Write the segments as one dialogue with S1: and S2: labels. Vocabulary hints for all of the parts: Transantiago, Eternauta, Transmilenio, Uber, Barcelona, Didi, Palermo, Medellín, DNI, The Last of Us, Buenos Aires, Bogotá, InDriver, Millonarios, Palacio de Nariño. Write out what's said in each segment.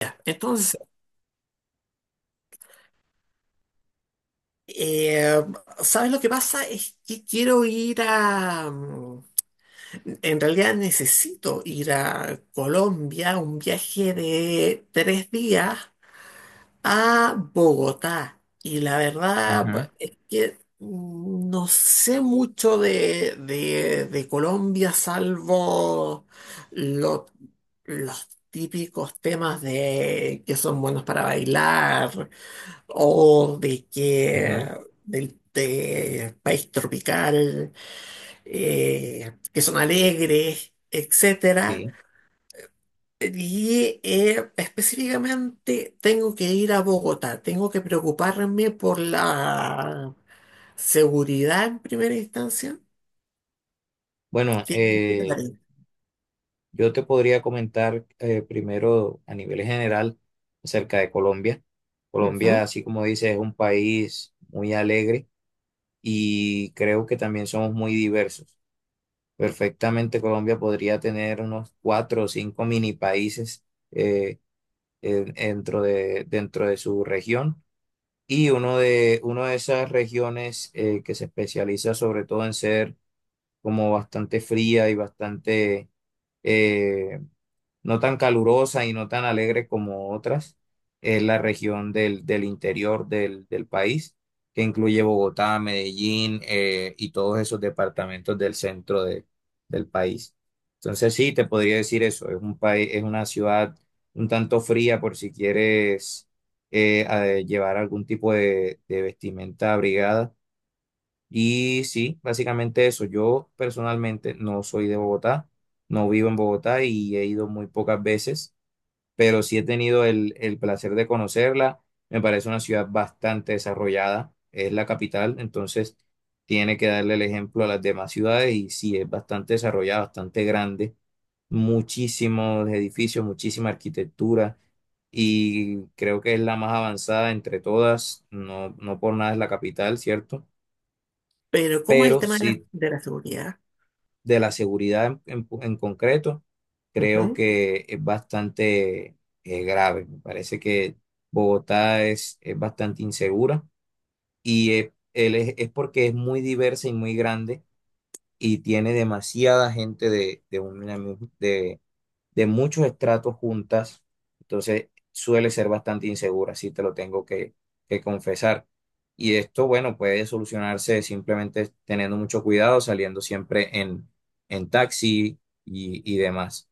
S1: Ya, entonces, eh, ¿sabes lo que pasa? Es que quiero ir a... en realidad necesito ir a Colombia, un viaje de 3 días a Bogotá. Y la
S2: Ujú,
S1: verdad es que no sé mucho de Colombia, salvo lo- los típicos temas de que son buenos para bailar o de que
S2: ujú,
S1: del de país tropical, que son alegres, etcétera.
S2: sí.
S1: Y específicamente tengo que ir a Bogotá, tengo que preocuparme por la seguridad en primera instancia.
S2: Bueno,
S1: ¿Qué, qué te parece?
S2: yo te podría comentar primero a nivel general acerca de Colombia. Colombia,
S1: Ujú.
S2: así como dices, es un país muy alegre y creo que también somos muy diversos. Perfectamente Colombia podría tener unos cuatro o cinco mini países eh, dentro de su región y uno de esas regiones que se especializa sobre todo en ser como bastante fría y bastante eh, no tan calurosa y no tan alegre como otras. Es la región del interior del país, que incluye Bogotá, Medellín y todos esos departamentos del centro del país. Entonces sí, te podría decir eso. Es un país, es una ciudad un tanto fría por si quieres llevar algún tipo de vestimenta abrigada y sí, básicamente eso. Yo personalmente no soy de Bogotá, no vivo en Bogotá y he ido muy pocas veces, pero sí he tenido el placer de conocerla. Me parece una ciudad bastante desarrollada, es la capital, entonces tiene que darle el ejemplo a las demás ciudades y sí, es bastante desarrollada, bastante grande, muchísimos edificios, muchísima arquitectura y creo que es la más avanzada entre todas, no, no por nada es la capital, ¿cierto?
S1: Pero ¿cómo es el
S2: Pero
S1: tema de la,
S2: sí,
S1: de la seguridad?
S2: de la seguridad en concreto, creo que es bastante grave. Me parece que Bogotá es bastante insegura y él es porque es muy diversa y muy grande y tiene demasiada gente de, una, mi- de muchos estratos juntas, entonces suele ser bastante insegura, si te lo tengo que confesar. Y esto, bueno, puede solucionarse simplemente teniendo mucho cuidado, saliendo siempre en taxi y demás.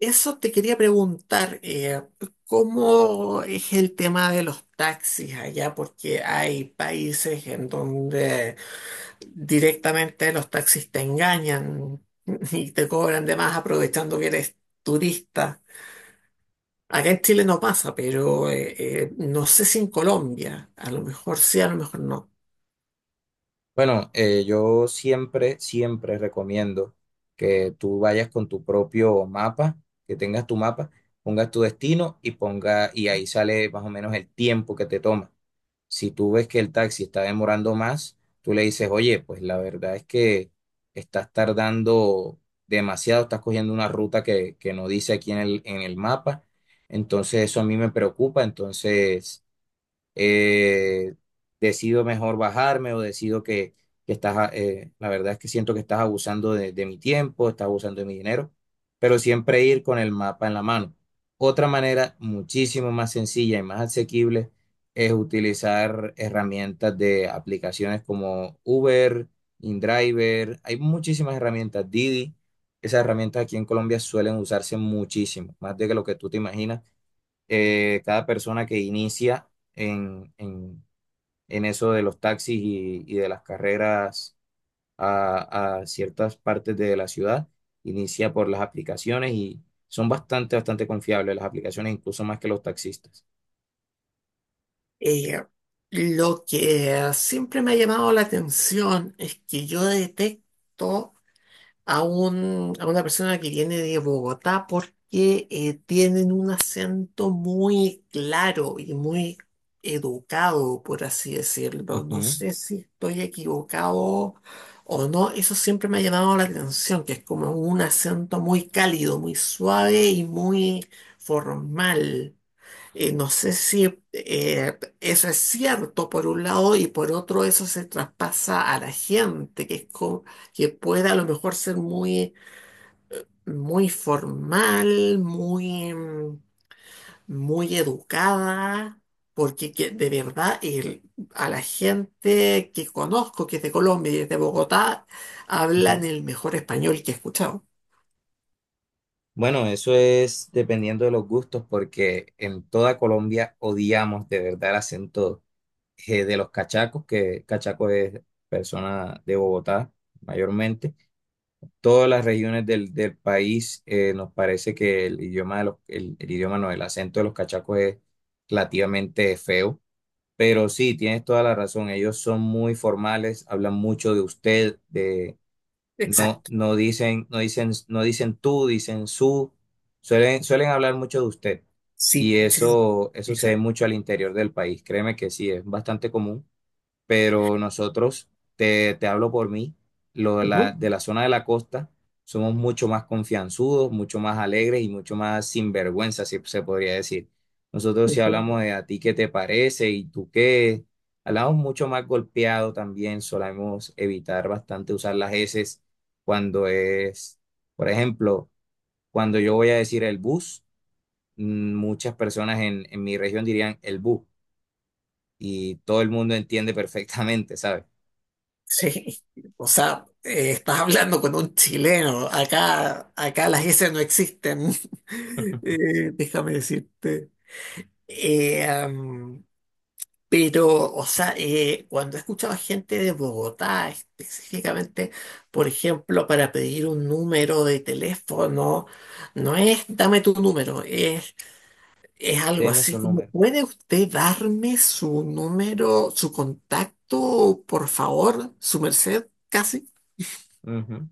S1: Eso te quería preguntar, ¿cómo es el tema de los taxis allá? Porque hay países en donde directamente los taxis te engañan y te cobran de más aprovechando que eres turista. Acá en Chile no pasa, pero no sé si en Colombia, a lo mejor sí, a lo mejor no.
S2: Bueno, yo siempre, siempre recomiendo que tú vayas con tu propio mapa, que tengas tu mapa, pongas tu destino y ahí sale más o menos el tiempo que te toma. Si tú ves que el taxi está demorando más, tú le dices, oye, pues la verdad es que estás tardando demasiado, estás cogiendo una ruta que no dice aquí en el mapa, entonces eso a mí me preocupa, entonces eh, decido mejor bajarme o decido que la verdad es que siento que estás abusando de mi tiempo, estás abusando de mi dinero, pero siempre ir con el mapa en la mano. Otra manera muchísimo más sencilla y más asequible es utilizar herramientas de aplicaciones como Uber, InDriver, hay muchísimas herramientas, Didi. Esas herramientas aquí en Colombia suelen usarse muchísimo, más de lo que tú te imaginas. Cada persona que inicia en, en- en eso de los taxis y de las carreras a ciertas partes de la ciudad, inicia por las aplicaciones y son bastante, bastante confiables las aplicaciones, incluso más que los taxistas.
S1: Eh, lo que siempre me ha llamado la atención es que yo detecto a una persona que viene de Bogotá porque tienen un acento muy claro y muy educado, por así decirlo. No
S2: Ujú,
S1: sé si estoy equivocado o no, eso siempre me ha llamado la atención, que es como un acento muy cálido, muy suave y muy formal. No sé si eso es cierto por un lado y por otro eso se traspasa a la gente, que es que puede a lo mejor ser muy, muy formal, muy educada, porque de verdad a la gente que conozco, que es de Colombia y es de Bogotá,
S2: ujú.
S1: hablan el mejor español que he escuchado.
S2: Bueno, eso es dependiendo de los gustos, porque en toda Colombia odiamos de verdad el acento de los cachacos, que cachaco es persona de Bogotá mayormente todas las regiones del país. Nos parece que el idioma de los, el idioma no, el acento de los cachacos es relativamente feo. Pero sí, tienes toda la razón. Ellos son muy formales, hablan mucho de usted, de no,
S1: Exacto.
S2: no dicen, no dicen, no dicen tú, dicen su. Suelen hablar mucho de usted.
S1: Sí,
S2: Y
S1: sí,
S2: eso se ve
S1: exacto.
S2: mucho al interior del país. Créeme que sí, es bastante común pero nosotros, te hablo por mí, lo de la,
S1: Ujú,
S2: de la zona de la costa, somos mucho más confianzudos, mucho más alegres y mucho más sinvergüenza, si se podría decir. Nosotros si
S1: ujú.
S2: hablamos de a ti qué te parece y tú qué, hablamos mucho más golpeado también, solemos evitar bastante usar las eses cuando es, por ejemplo, cuando yo voy a decir el bus, muchas personas en mi región dirían el bus y todo el mundo entiende perfectamente, ¿sabes?
S1: Sí, o sea, estás hablando con un chileno. Acá, acá las S no existen. Déjame decirte. Eh, am, pero, o sea, cuando he escuchado a gente de Bogotá específicamente, por ejemplo, para pedir un número de teléfono, no es dame tu número, es algo
S2: Deme su
S1: así como,
S2: número.
S1: ¿puede usted darme su número, su contacto, por favor, su merced, casi?
S2: Ujú.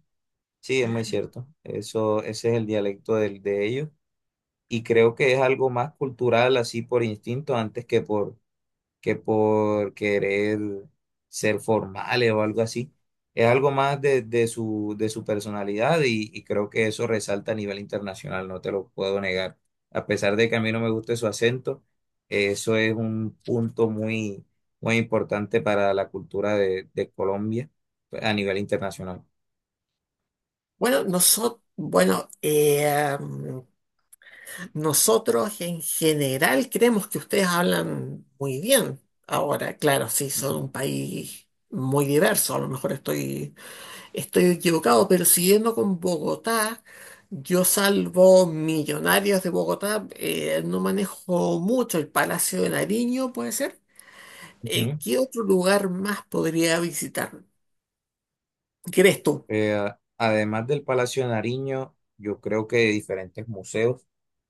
S2: Sí, es muy cierto. Ese es el dialecto de ellos. Y creo que es algo más cultural, así por instinto, antes que por querer ser formales o algo así. Es algo más de su personalidad y creo que eso resalta a nivel internacional, no te lo puedo negar. A pesar de que a mí no me guste su acento, eso es un punto muy, muy importante para la cultura de Colombia a nivel internacional.
S1: Bueno, nosotros, bueno, nosotros en general creemos que ustedes hablan muy bien. Ahora, claro, sí, son un país muy diverso. A lo mejor estoy, estoy equivocado, pero siguiendo con Bogotá, yo salvo Millonarios de Bogotá, no manejo mucho el Palacio de Nariño, puede ser.
S2: Ujú.
S1: ¿Qué otro lugar más podría visitar? ¿Crees tú?
S2: Eh, Además del Palacio de Nariño, yo creo que de diferentes museos,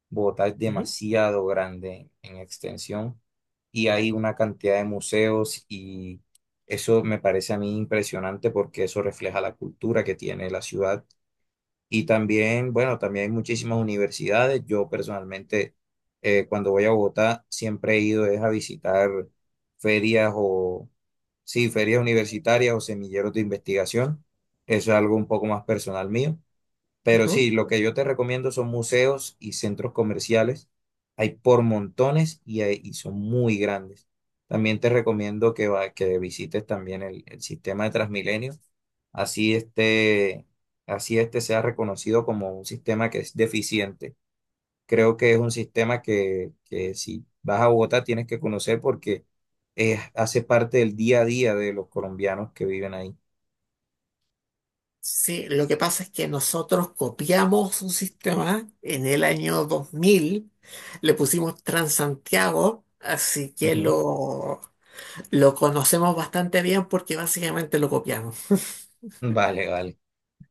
S2: Bogotá es
S1: Ujú.
S2: demasiado grande en extensión y hay una cantidad de museos y eso me parece a mí impresionante porque eso refleja la cultura que tiene la ciudad. Y también, bueno, también hay muchísimas universidades. Yo personalmente, cuando voy a Bogotá, siempre he ido es a visitar ferias Sí, ferias universitarias o semilleros de investigación. Eso es algo un poco más personal mío. Pero
S1: Ujú.
S2: sí, lo que yo te recomiendo son museos y centros comerciales. Hay por montones y son muy grandes. También te recomiendo que visites también el sistema de Transmilenio. Así este, así este sea reconocido como un sistema que es deficiente. Creo que es un sistema que si vas a Bogotá tienes que conocer porque hace parte del día a día de los colombianos que viven ahí.
S1: Sí, lo que pasa es que nosotros copiamos un sistema en el año 2000, le pusimos Transantiago, así que
S2: Ujú.
S1: lo conocemos bastante bien porque básicamente lo copiamos.
S2: Vale, vale,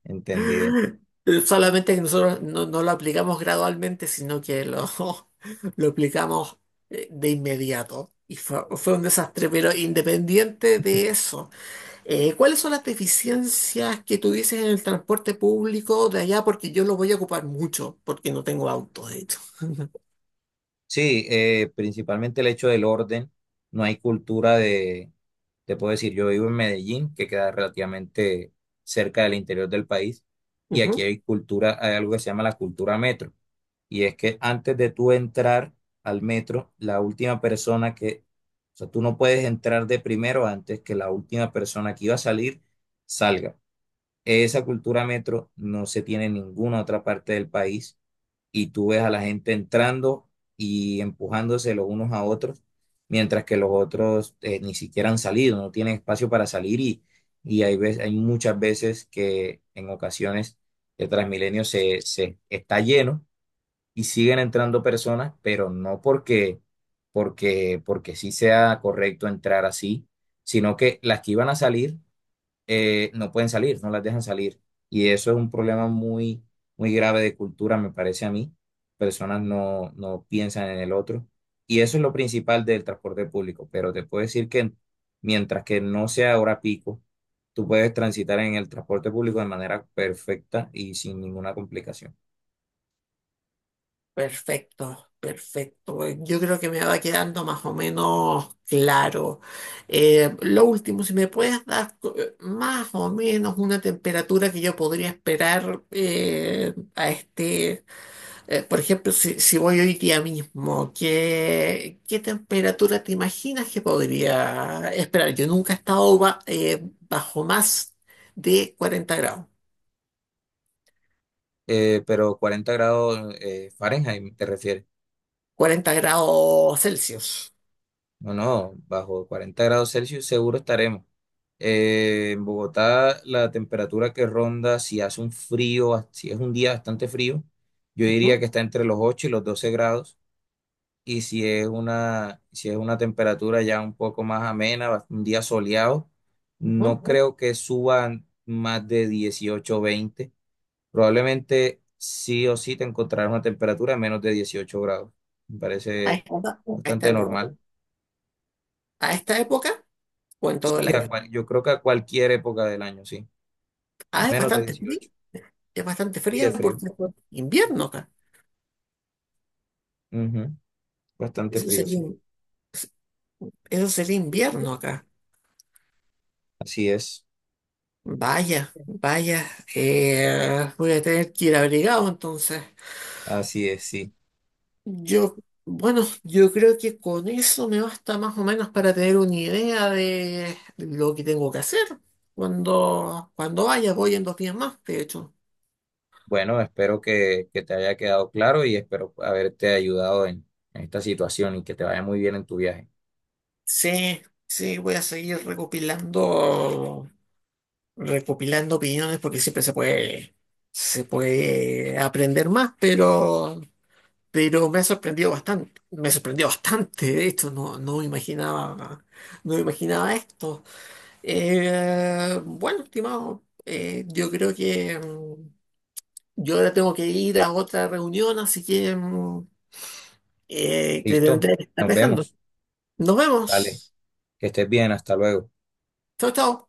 S2: entendido.
S1: Solamente que nosotros no, no lo aplicamos gradualmente, sino que lo, lo aplicamos de inmediato. Y fue, fue un desastre, pero independiente de eso. ¿Cuáles son las deficiencias que tú dices en el transporte público de allá? Porque yo lo voy a ocupar mucho, porque no tengo auto, de hecho.
S2: Sí, principalmente el hecho del orden, no hay cultura de, te puedo decir, yo vivo en Medellín, que queda relativamente cerca del interior del país, y aquí
S1: Ujú.
S2: hay cultura, hay algo que se llama la cultura metro. Y es que antes de tú entrar al metro, la última persona que, o sea, tú no puedes entrar de primero antes que la última persona que iba a salir salga. Esa cultura metro no se tiene en ninguna otra parte del país y tú ves a la gente entrando y empujándose los unos a otros, mientras que los otros ni siquiera han salido, no tienen espacio para salir y hay muchas veces que en ocasiones el Transmilenio se está lleno y siguen entrando personas, pero no porque sí sea correcto entrar así, sino que las que iban a salir no pueden salir, no las dejan salir. Y eso es un problema muy, muy grave de cultura, me parece a mí. Personas no, no piensan en el otro. Y eso es lo principal del transporte público. Pero te puedo decir que mientras que no sea hora pico, tú puedes transitar en el transporte público de manera perfecta y sin ninguna complicación.
S1: Perfecto, perfecto. Yo creo que me va quedando más o menos claro. Lo último, si me puedes dar más o menos una temperatura que yo podría esperar a este por ejemplo, si voy hoy día mismo, ¿qué temperatura te imaginas que podría esperar? Yo nunca he estado bajo más de 40 grados,
S2: Pero 40 grados Fahrenheit te refieres.
S1: 40 grados Celsius.
S2: No, no, bajo 40 grados Celsius seguro estaremos. En Bogotá la temperatura que ronda, si hace un frío, si es un día bastante frío, yo
S1: Ujú,
S2: diría que está entre los 8 y los 12 grados. Y si es una temperatura ya un poco más amena, un día soleado,
S1: ujú.
S2: no creo que suban más de 18 o 20. Probablemente sí o sí te encontrarás una temperatura de menos de 18 grados. Me
S1: A
S2: parece
S1: esta, a esta
S2: bastante
S1: época.
S2: normal.
S1: A esta época o en todo el
S2: Sí,
S1: año.
S2: yo creo que a cualquier época del año, sí.
S1: Ah,
S2: Menos de 18.
S1: es bastante
S2: Y de
S1: fría porque es
S2: frío.
S1: invierno acá.
S2: Ujú, bastante
S1: Eso
S2: frío,
S1: sería,
S2: sí.
S1: eso sería invierno acá.
S2: Así es.
S1: Vaya, vaya. Voy a tener que ir abrigado entonces.
S2: Así es, sí.
S1: Yo, bueno, yo creo que con eso me basta más o menos para tener una idea de lo que tengo que hacer. Cuando, cuando vaya, voy en 2 días más, de hecho.
S2: Bueno, espero que te haya quedado claro y espero haberte ayudado en esta situación y que te vaya muy bien en tu viaje.
S1: Sí, sí, voy a seguir recopilando, recopilando opiniones porque siempre se puede aprender más, pero me ha sorprendido bastante. Me sorprendió bastante, de hecho, no, no imaginaba, no imaginaba esto. Bueno, estimado, yo creo que yo ahora tengo que ir a otra reunión, así que te
S2: ¿Listo?
S1: tendré que estar
S2: Nos
S1: dejando.
S2: vemos.
S1: Nos
S2: Dale.
S1: vemos.
S2: Que estés bien. Hasta luego.
S1: Chao, chao.